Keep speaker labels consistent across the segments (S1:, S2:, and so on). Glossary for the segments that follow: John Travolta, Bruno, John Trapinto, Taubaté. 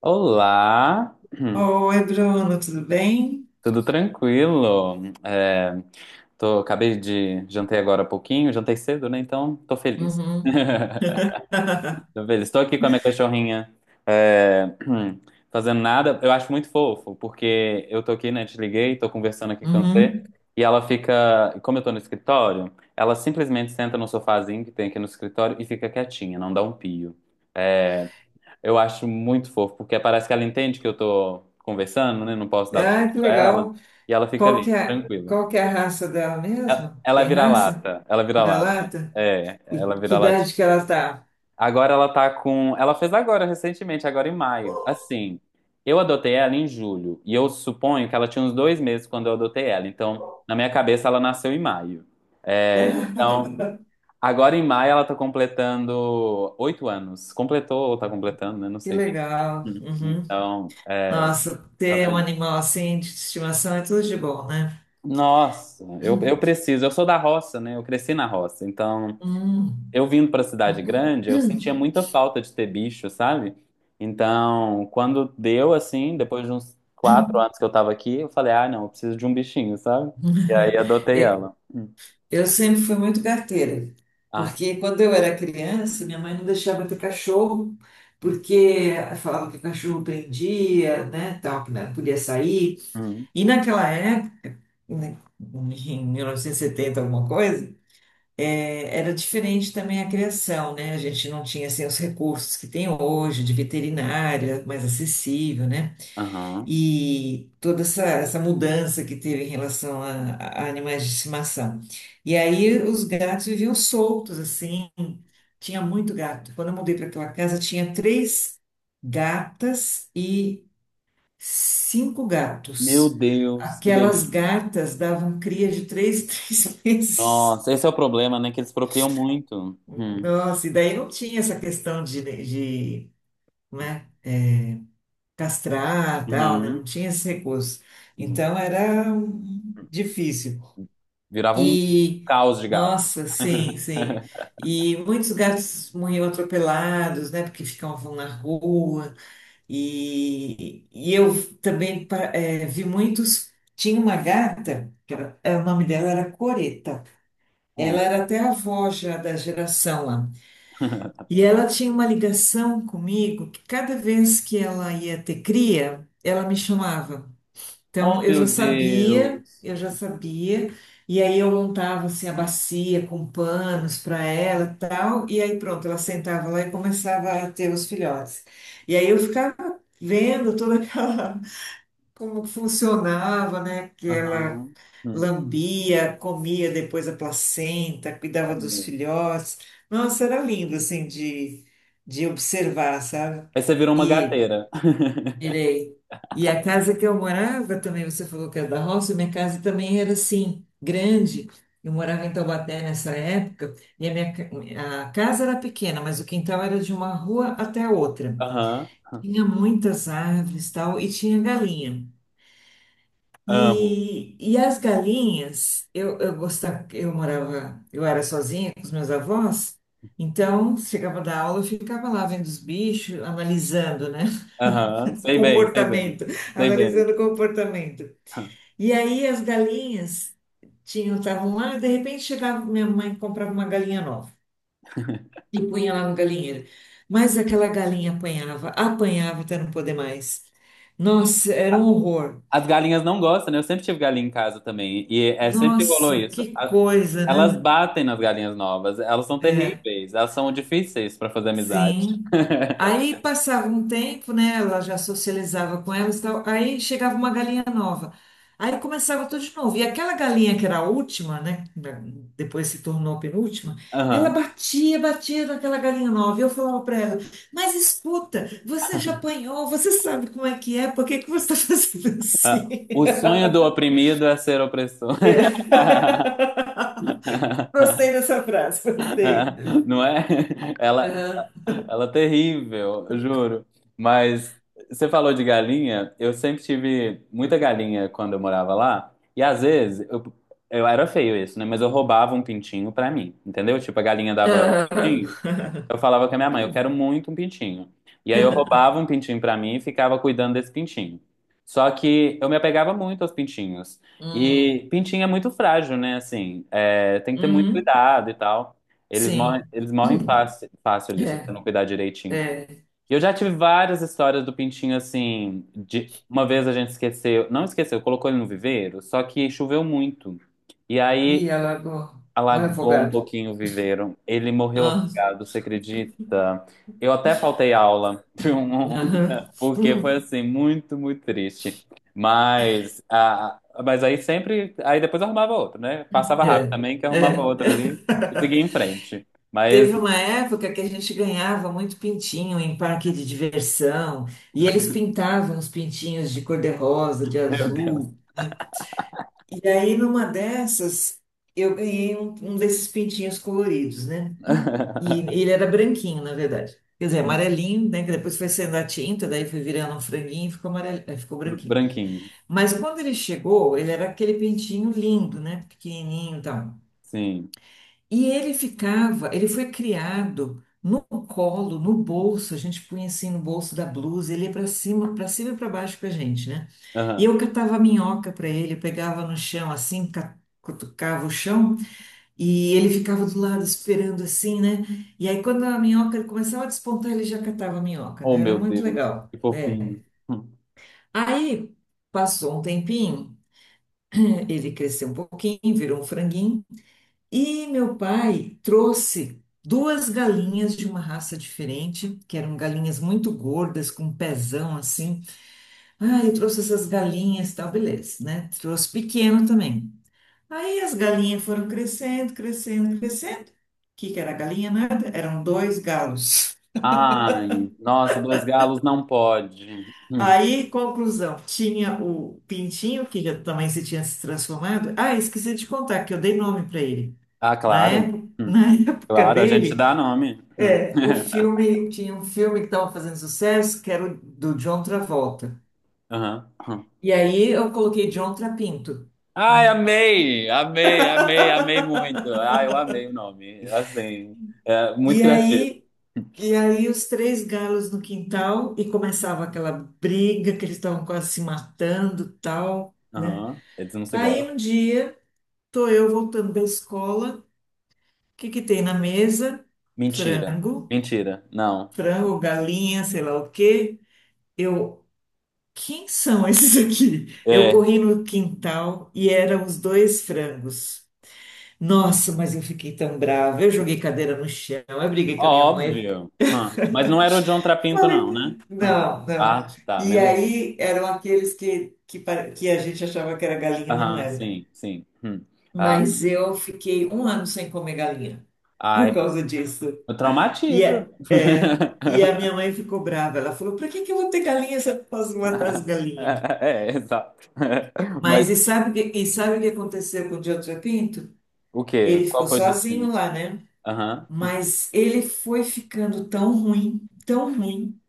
S1: Olá,
S2: Oi, Bruno, tudo bem?
S1: tudo tranquilo? Acabei de jantei agora há pouquinho, jantei cedo, né? Então tô feliz.
S2: Uhum,
S1: Tô feliz. Estou aqui com a minha cachorrinha, é, fazendo nada. Eu acho muito fofo, porque eu tô aqui, né? Te liguei, tô conversando aqui com você,
S2: uhum.
S1: e ela fica, como eu tô no escritório, ela simplesmente senta no sofazinho que tem aqui no escritório e fica quietinha, não dá um pio. É, Eu acho muito fofo, porque parece que ela entende que eu tô conversando, né? Não posso dar tempo
S2: Ah, que
S1: pra ela.
S2: legal.
S1: E ela fica
S2: Qual que
S1: ali,
S2: é,
S1: tranquila.
S2: qual que é a raça dela
S1: Ela
S2: mesmo?
S1: ela
S2: Tem
S1: vira
S2: raça?
S1: lata, ela vira lata.
S2: Vira-lata?
S1: É,
S2: E
S1: ela
S2: que
S1: vira
S2: idade que
S1: latinha.
S2: ela tá?
S1: Agora ela tá com. Ela fez agora, recentemente, agora em maio. Assim, eu adotei ela em julho. E eu suponho que ela tinha uns 2 meses quando eu adotei ela. Então, na minha cabeça, ela nasceu em maio. É, então, agora em maio ela tá completando 8 anos. Completou ou tá completando, né? Não
S2: Que
S1: sei o que.
S2: legal.
S1: Hum.
S2: Uhum.
S1: Então.
S2: Nossa,
S1: Tá
S2: ter um
S1: vendo?
S2: animal assim de estimação é tudo de bom, né?
S1: Nossa, eu preciso. Eu sou da roça, né? Eu cresci na roça. Então,
S2: Hum.
S1: eu vindo pra cidade grande, eu sentia muita falta de ter bicho, sabe? Então, quando deu assim, depois de uns 4 anos que eu tava aqui, eu falei, ah, não, eu preciso de um bichinho, sabe? E aí adotei
S2: E-
S1: ela. Hum.
S2: Eu sempre fui muito carteira,
S1: Ai.
S2: porque quando eu era criança, minha mãe não deixava eu ter cachorro, porque falava que o cachorro prendia, né, tal, que não podia sair.
S1: Hum.
S2: E naquela época, né, em 1970, alguma coisa, era diferente também a criação, né? A gente não tinha assim, os recursos que tem hoje, de veterinária mais acessível, né?
S1: Aham.
S2: E toda essa mudança que teve em relação a animais de estimação. E aí os gatos viviam soltos, assim, tinha muito gato. Quando eu mudei para aquela casa, tinha três gatas e cinco
S1: Meu
S2: gatos.
S1: Deus, que delícia.
S2: Aquelas gatas davam cria de três, três meses.
S1: Nossa, esse é o problema, né? Que eles procriam muito. Hum.
S2: Nossa, e daí não tinha essa questão né, castrar, tal, né? Não
S1: Uhum.
S2: tinha esse recurso.
S1: Hum.
S2: Então era difícil.
S1: Virava um
S2: E,
S1: caos de gato.
S2: nossa, sim, sim. E muitos gatos morriam atropelados, né? Porque ficavam na rua. E eu também pa- vi muitos. Tinha uma gata, que era, eh, o nome dela era Coreta. Ela era até avó já da geração lá. E ela tinha uma ligação comigo que cada vez que ela ia ter cria, ela me chamava.
S1: Oh,
S2: Então,
S1: meu Deus.
S2: e aí eu montava assim a bacia com panos para ela e tal, e aí pronto, ela sentava lá e começava a ter os filhotes. E aí eu ficava vendo toda aquela como funcionava, né? Que ela
S1: Aham. Hum.
S2: lambia, comia depois a placenta,
S1: Oh,
S2: cuidava dos
S1: meu.
S2: filhotes. Nossa, era lindo assim de observar, sabe?
S1: Aí você virou uma
S2: E
S1: gateira.
S2: Irei. E a casa que eu morava também, você falou que era da roça, minha casa também era assim, grande. Eu morava em Taubaté nessa época, e a minha ca- a casa era pequena, mas o quintal era de uma rua até a outra.
S1: Aham.
S2: Tinha muitas árvores, tal, e tinha galinha.
S1: Amo.
S2: E as galinhas, eu gostava, eu morava, eu era sozinha com os meus avós, então chegava da aula, eu ficava lá vendo os bichos, analisando, né?
S1: Aham. Sei bem, sei bem.
S2: comportamento,
S1: Sei bem.
S2: analisando o comportamento. E aí as galinhas tinham, estavam lá, e de repente chegava minha mãe e comprava uma galinha nova e punha lá no galinheiro. Mas aquela galinha apanhava, apanhava até não poder mais. Nossa, era um
S1: A-
S2: horror.
S1: As galinhas não gostam, né? Eu sempre tive galinha em casa também. E é sempre rolou
S2: Nossa,
S1: isso.
S2: que coisa,
S1: Elas
S2: né?
S1: batem nas galinhas novas. Elas são
S2: É.
S1: terríveis. Elas são difíceis para fazer amizade.
S2: Sim. Aí passava um tempo, né? Ela já socializava com elas e tal. Aí chegava uma galinha nova. Aí começava tudo de novo. E aquela galinha que era a última, né? Depois se tornou a penúltima. Ela
S1: Aham.
S2: batia, batia naquela galinha nova. E eu falava para ela: mas escuta, você já apanhou, você sabe como é que é, por que que você está fazendo
S1: Ah,
S2: assim?
S1: o sonho do oprimido é ser opressor.
S2: É. Gostei dessa frase, gostei.
S1: Não é? Ela,
S2: Aham.
S1: Ela é terrível, eu juro. Mas você falou de galinha, eu sempre tive muita galinha quando eu morava lá. E às vezes, eu era feio isso, né? Mas eu roubava um pintinho pra mim, entendeu? Tipo, a galinha dava um
S2: Aham.
S1: pintinho. Eu falava com a minha mãe, eu quero muito um pintinho. E aí eu roubava um pintinho pra mim e ficava cuidando desse pintinho. Só que eu me apegava muito aos pintinhos.
S2: Hum.
S1: E pintinho é muito frágil, né? Assim, é, tem que ter muito
S2: Uhum.
S1: cuidado e tal.
S2: Sim.
S1: Eles morrem fácil, fácil ali, se você
S2: É,
S1: não cuidar direitinho.
S2: é.
S1: E eu já tive várias histórias do pintinho, assim, de uma vez a gente esqueceu, não esqueceu, colocou ele no viveiro, só que choveu muito. E aí
S2: E ela alagou. Um
S1: alagou um
S2: refogado.
S1: pouquinho o viveiro. Ele morreu
S2: Ah,
S1: afogado, você acredita? Eu até faltei aula,
S2: aham.
S1: porque foi assim, muito, muito triste. Mas, ah, mas aí sempre, aí depois eu arrumava outro, né? Passava rápido
S2: É,
S1: também, que eu arrumava
S2: é.
S1: outro ali e seguia em frente. Mas,
S2: Teve uma época que a gente ganhava muito pintinho em parque de diversão, e eles pintavam os pintinhos de cor-de-rosa, de
S1: meu Deus.
S2: azul. E aí, numa dessas, eu ganhei um desses pintinhos coloridos, né? E ele era branquinho, na verdade. Quer dizer, amarelinho, né? Que depois foi sendo a tinta, daí foi virando um franguinho e ficou amarelo, ficou branquinho.
S1: Branquinho,
S2: Mas quando ele chegou, ele era aquele pintinho lindo, né? Pequenininho e tal.
S1: sim.
S2: E ele ficava, ele foi criado no colo, no bolso, a gente punha assim no bolso da blusa, ele ia para cima e para baixo com a gente, né? E
S1: Aham.
S2: eu catava minhoca para ele, pegava no chão assim, ca- cutucava o chão e ele ficava do lado esperando assim, né? E aí quando a minhoca ele começava a despontar, ele já catava a minhoca,
S1: Oh,
S2: né? Era
S1: meu
S2: muito
S1: Deus,
S2: legal,
S1: que
S2: né?
S1: fofinho.
S2: Aí passou um tempinho, ele cresceu um pouquinho, virou um franguinho. E meu pai trouxe duas galinhas de uma raça diferente, que eram galinhas muito gordas, com um pezão assim. Ah, eu trouxe essas galinhas, tal, beleza, né? Trouxe pequeno também. Aí as galinhas foram crescendo. O que que era galinha? Nada, eram dois galos.
S1: Ai, nossa, dois galos não pode.
S2: Aí, conclusão, tinha o pintinho, que já também se tinha se transformado. Ah, esqueci de contar que eu dei nome para ele.
S1: Ah,
S2: Na
S1: claro.
S2: época, na época
S1: Claro, a gente
S2: dele.
S1: dá nome. Hum.
S2: É, o filme, tinha um filme que estava fazendo sucesso, que era o do John Travolta.
S1: Aham, aham.
S2: E aí eu coloquei John Trapinto,
S1: Ai,
S2: né?
S1: amei, amei, amei, amei muito. Ai, eu amei o nome. Assim, é muito
S2: E
S1: criativo.
S2: aí, e aí os três galos no quintal e começava aquela briga que eles estavam quase se matando, tal, né?
S1: Aham. Eles não se
S2: Aí um
S1: gostam.
S2: dia, tô eu voltando da escola, o que que tem na mesa?
S1: Mentira,
S2: Frango,
S1: mentira. Não.
S2: frango, galinha, sei lá o quê. Eu quem são esses aqui? Eu
S1: É,
S2: corri no quintal e eram os dois frangos. Nossa, mas eu fiquei tão brava. Eu joguei cadeira no chão, eu briguei com a minha mãe.
S1: óbvio. Hum. Mas não era o John Trapinto, não, né?
S2: Falei,
S1: Hum.
S2: não, não.
S1: Ah, tá,
S2: E
S1: menos.
S2: aí eram aqueles pare- que a gente achava que era galinha, mas não
S1: Aham,
S2: era.
S1: sim, sim. Hum. Ah,
S2: Mas eu fiquei um ano sem comer galinha por
S1: ai,
S2: causa disso. E,
S1: traumatiza.
S2: é, é, e a minha mãe ficou brava. Ela falou: pra que que eu vou ter galinha se eu posso matar as galinhas?
S1: É, exato. Mas
S2: Mas e sabe, o que- e sabe o que aconteceu com o Diogo Pinto?
S1: o quê?
S2: Ele ficou
S1: Qual foi o
S2: sozinho
S1: destino?
S2: lá, né?
S1: Aham.
S2: Mas ele foi ficando tão ruim, tão ruim.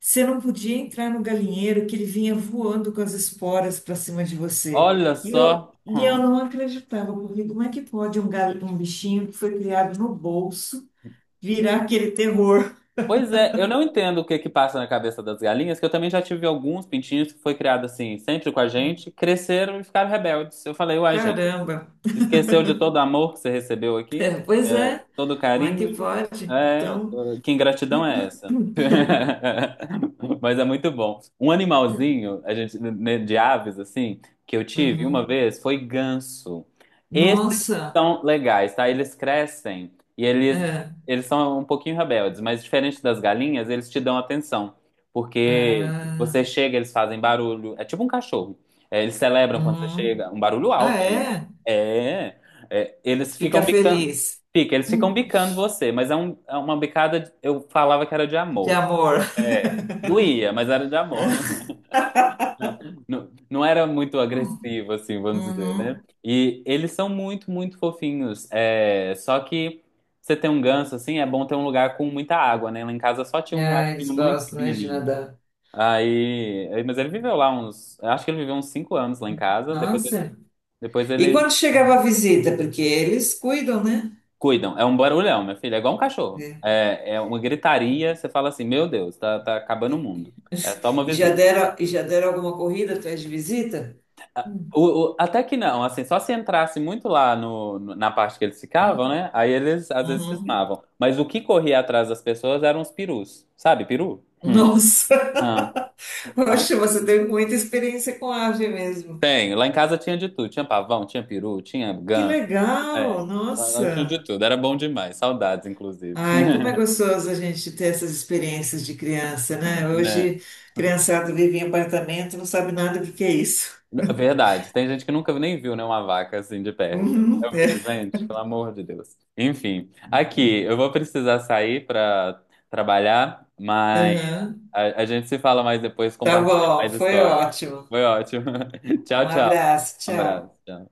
S2: Você não podia entrar no galinheiro que ele vinha voando com as esporas para cima de você.
S1: Olha
S2: E eu,
S1: só.
S2: e eu
S1: Hum.
S2: não acreditava, porque como é que pode um, gal, um bichinho que foi criado no bolso virar aquele terror?
S1: Pois é, eu não entendo o que que passa na cabeça das galinhas, que eu também já tive alguns pintinhos que foi criado assim, sempre com a gente, cresceram e ficaram rebeldes. Eu falei, uai, gente,
S2: Caramba!
S1: esqueceu de todo o amor que você recebeu aqui?
S2: Pois é,
S1: Todo
S2: como é que
S1: carinho.
S2: pode?
S1: É,
S2: Então,
S1: que ingratidão é essa? Mas é muito bom. Um animalzinho, a gente, né, de aves, assim, que eu tive
S2: uhum.
S1: uma vez foi ganso. Esses
S2: Nossa!
S1: são legais, tá? Eles crescem e eles,
S2: É.
S1: eles são um pouquinho rebeldes, mas diferente das galinhas, eles te dão atenção. Porque
S2: Ah.
S1: você chega, eles fazem barulho. É tipo um cachorro. É, eles celebram quando você
S2: Uhum.
S1: chega, um barulho
S2: Ah,
S1: alto ainda.
S2: é?
S1: É, eles
S2: Fica
S1: ficam bicando.
S2: feliz
S1: Fica, eles ficam bicando você, mas é uma bicada, eu falava que era de
S2: de
S1: amor.
S2: amor.
S1: É, doía, mas era de amor. Não, não era muito agressivo, assim, vamos dizer, né?
S2: Uhum.
S1: E eles são muito, muito fofinhos. É, só que você tem um ganso, assim, é bom ter um lugar com muita água, né? Lá em casa só tinha um
S2: Ah, eles
S1: riachinho muito
S2: gostam, né, de
S1: pequenininho.
S2: nadar.
S1: Mas ele viveu lá uns, acho que ele viveu uns 5 anos lá em casa, depois,
S2: Nossa.
S1: depois
S2: E quando
S1: ele...
S2: chegava a visita? Porque eles cuidam, né?
S1: Cuidam, é um barulhão, minha filha, é igual um cachorro.
S2: É.
S1: É, é uma gritaria, você fala assim, meu Deus, tá acabando
S2: E,
S1: o mundo. É só uma
S2: e já
S1: visita.
S2: deram, e já deram alguma corrida atrás de visita?
S1: Até que não, assim, só se entrasse muito lá na parte que eles ficavam, né? Aí eles às vezes
S2: Uhum.
S1: cismavam. Mas o que corria atrás das pessoas eram os perus, sabe, peru? Hum.
S2: Nossa,
S1: Ah, ah.
S2: oxe, você teve muita experiência com ave mesmo.
S1: Tenho, lá em casa tinha de tudo, tinha pavão, tinha peru, tinha
S2: Que
S1: ganso, é,
S2: legal,
S1: lá tinha
S2: nossa.
S1: de tudo, era bom demais, saudades, inclusive.
S2: Ai, como é gostoso a gente ter essas experiências de criança, né?
S1: Né?
S2: Hoje, criançada vive em apartamento, não sabe nada do que é isso.
S1: Verdade, tem gente que nunca nem viu, né, uma vaca assim de perto.
S2: Uhum,
S1: Eu
S2: é,
S1: fico, gente, pelo amor de Deus. Enfim, aqui, eu vou precisar sair para trabalhar, mas
S2: aham.
S1: a gente se fala mais depois,
S2: Tá
S1: compartilha
S2: bom,
S1: mais
S2: foi
S1: história.
S2: ótimo.
S1: Foi ótimo.
S2: Um
S1: Tchau, tchau.
S2: abraço,
S1: Um abraço.
S2: tchau.
S1: Tchau.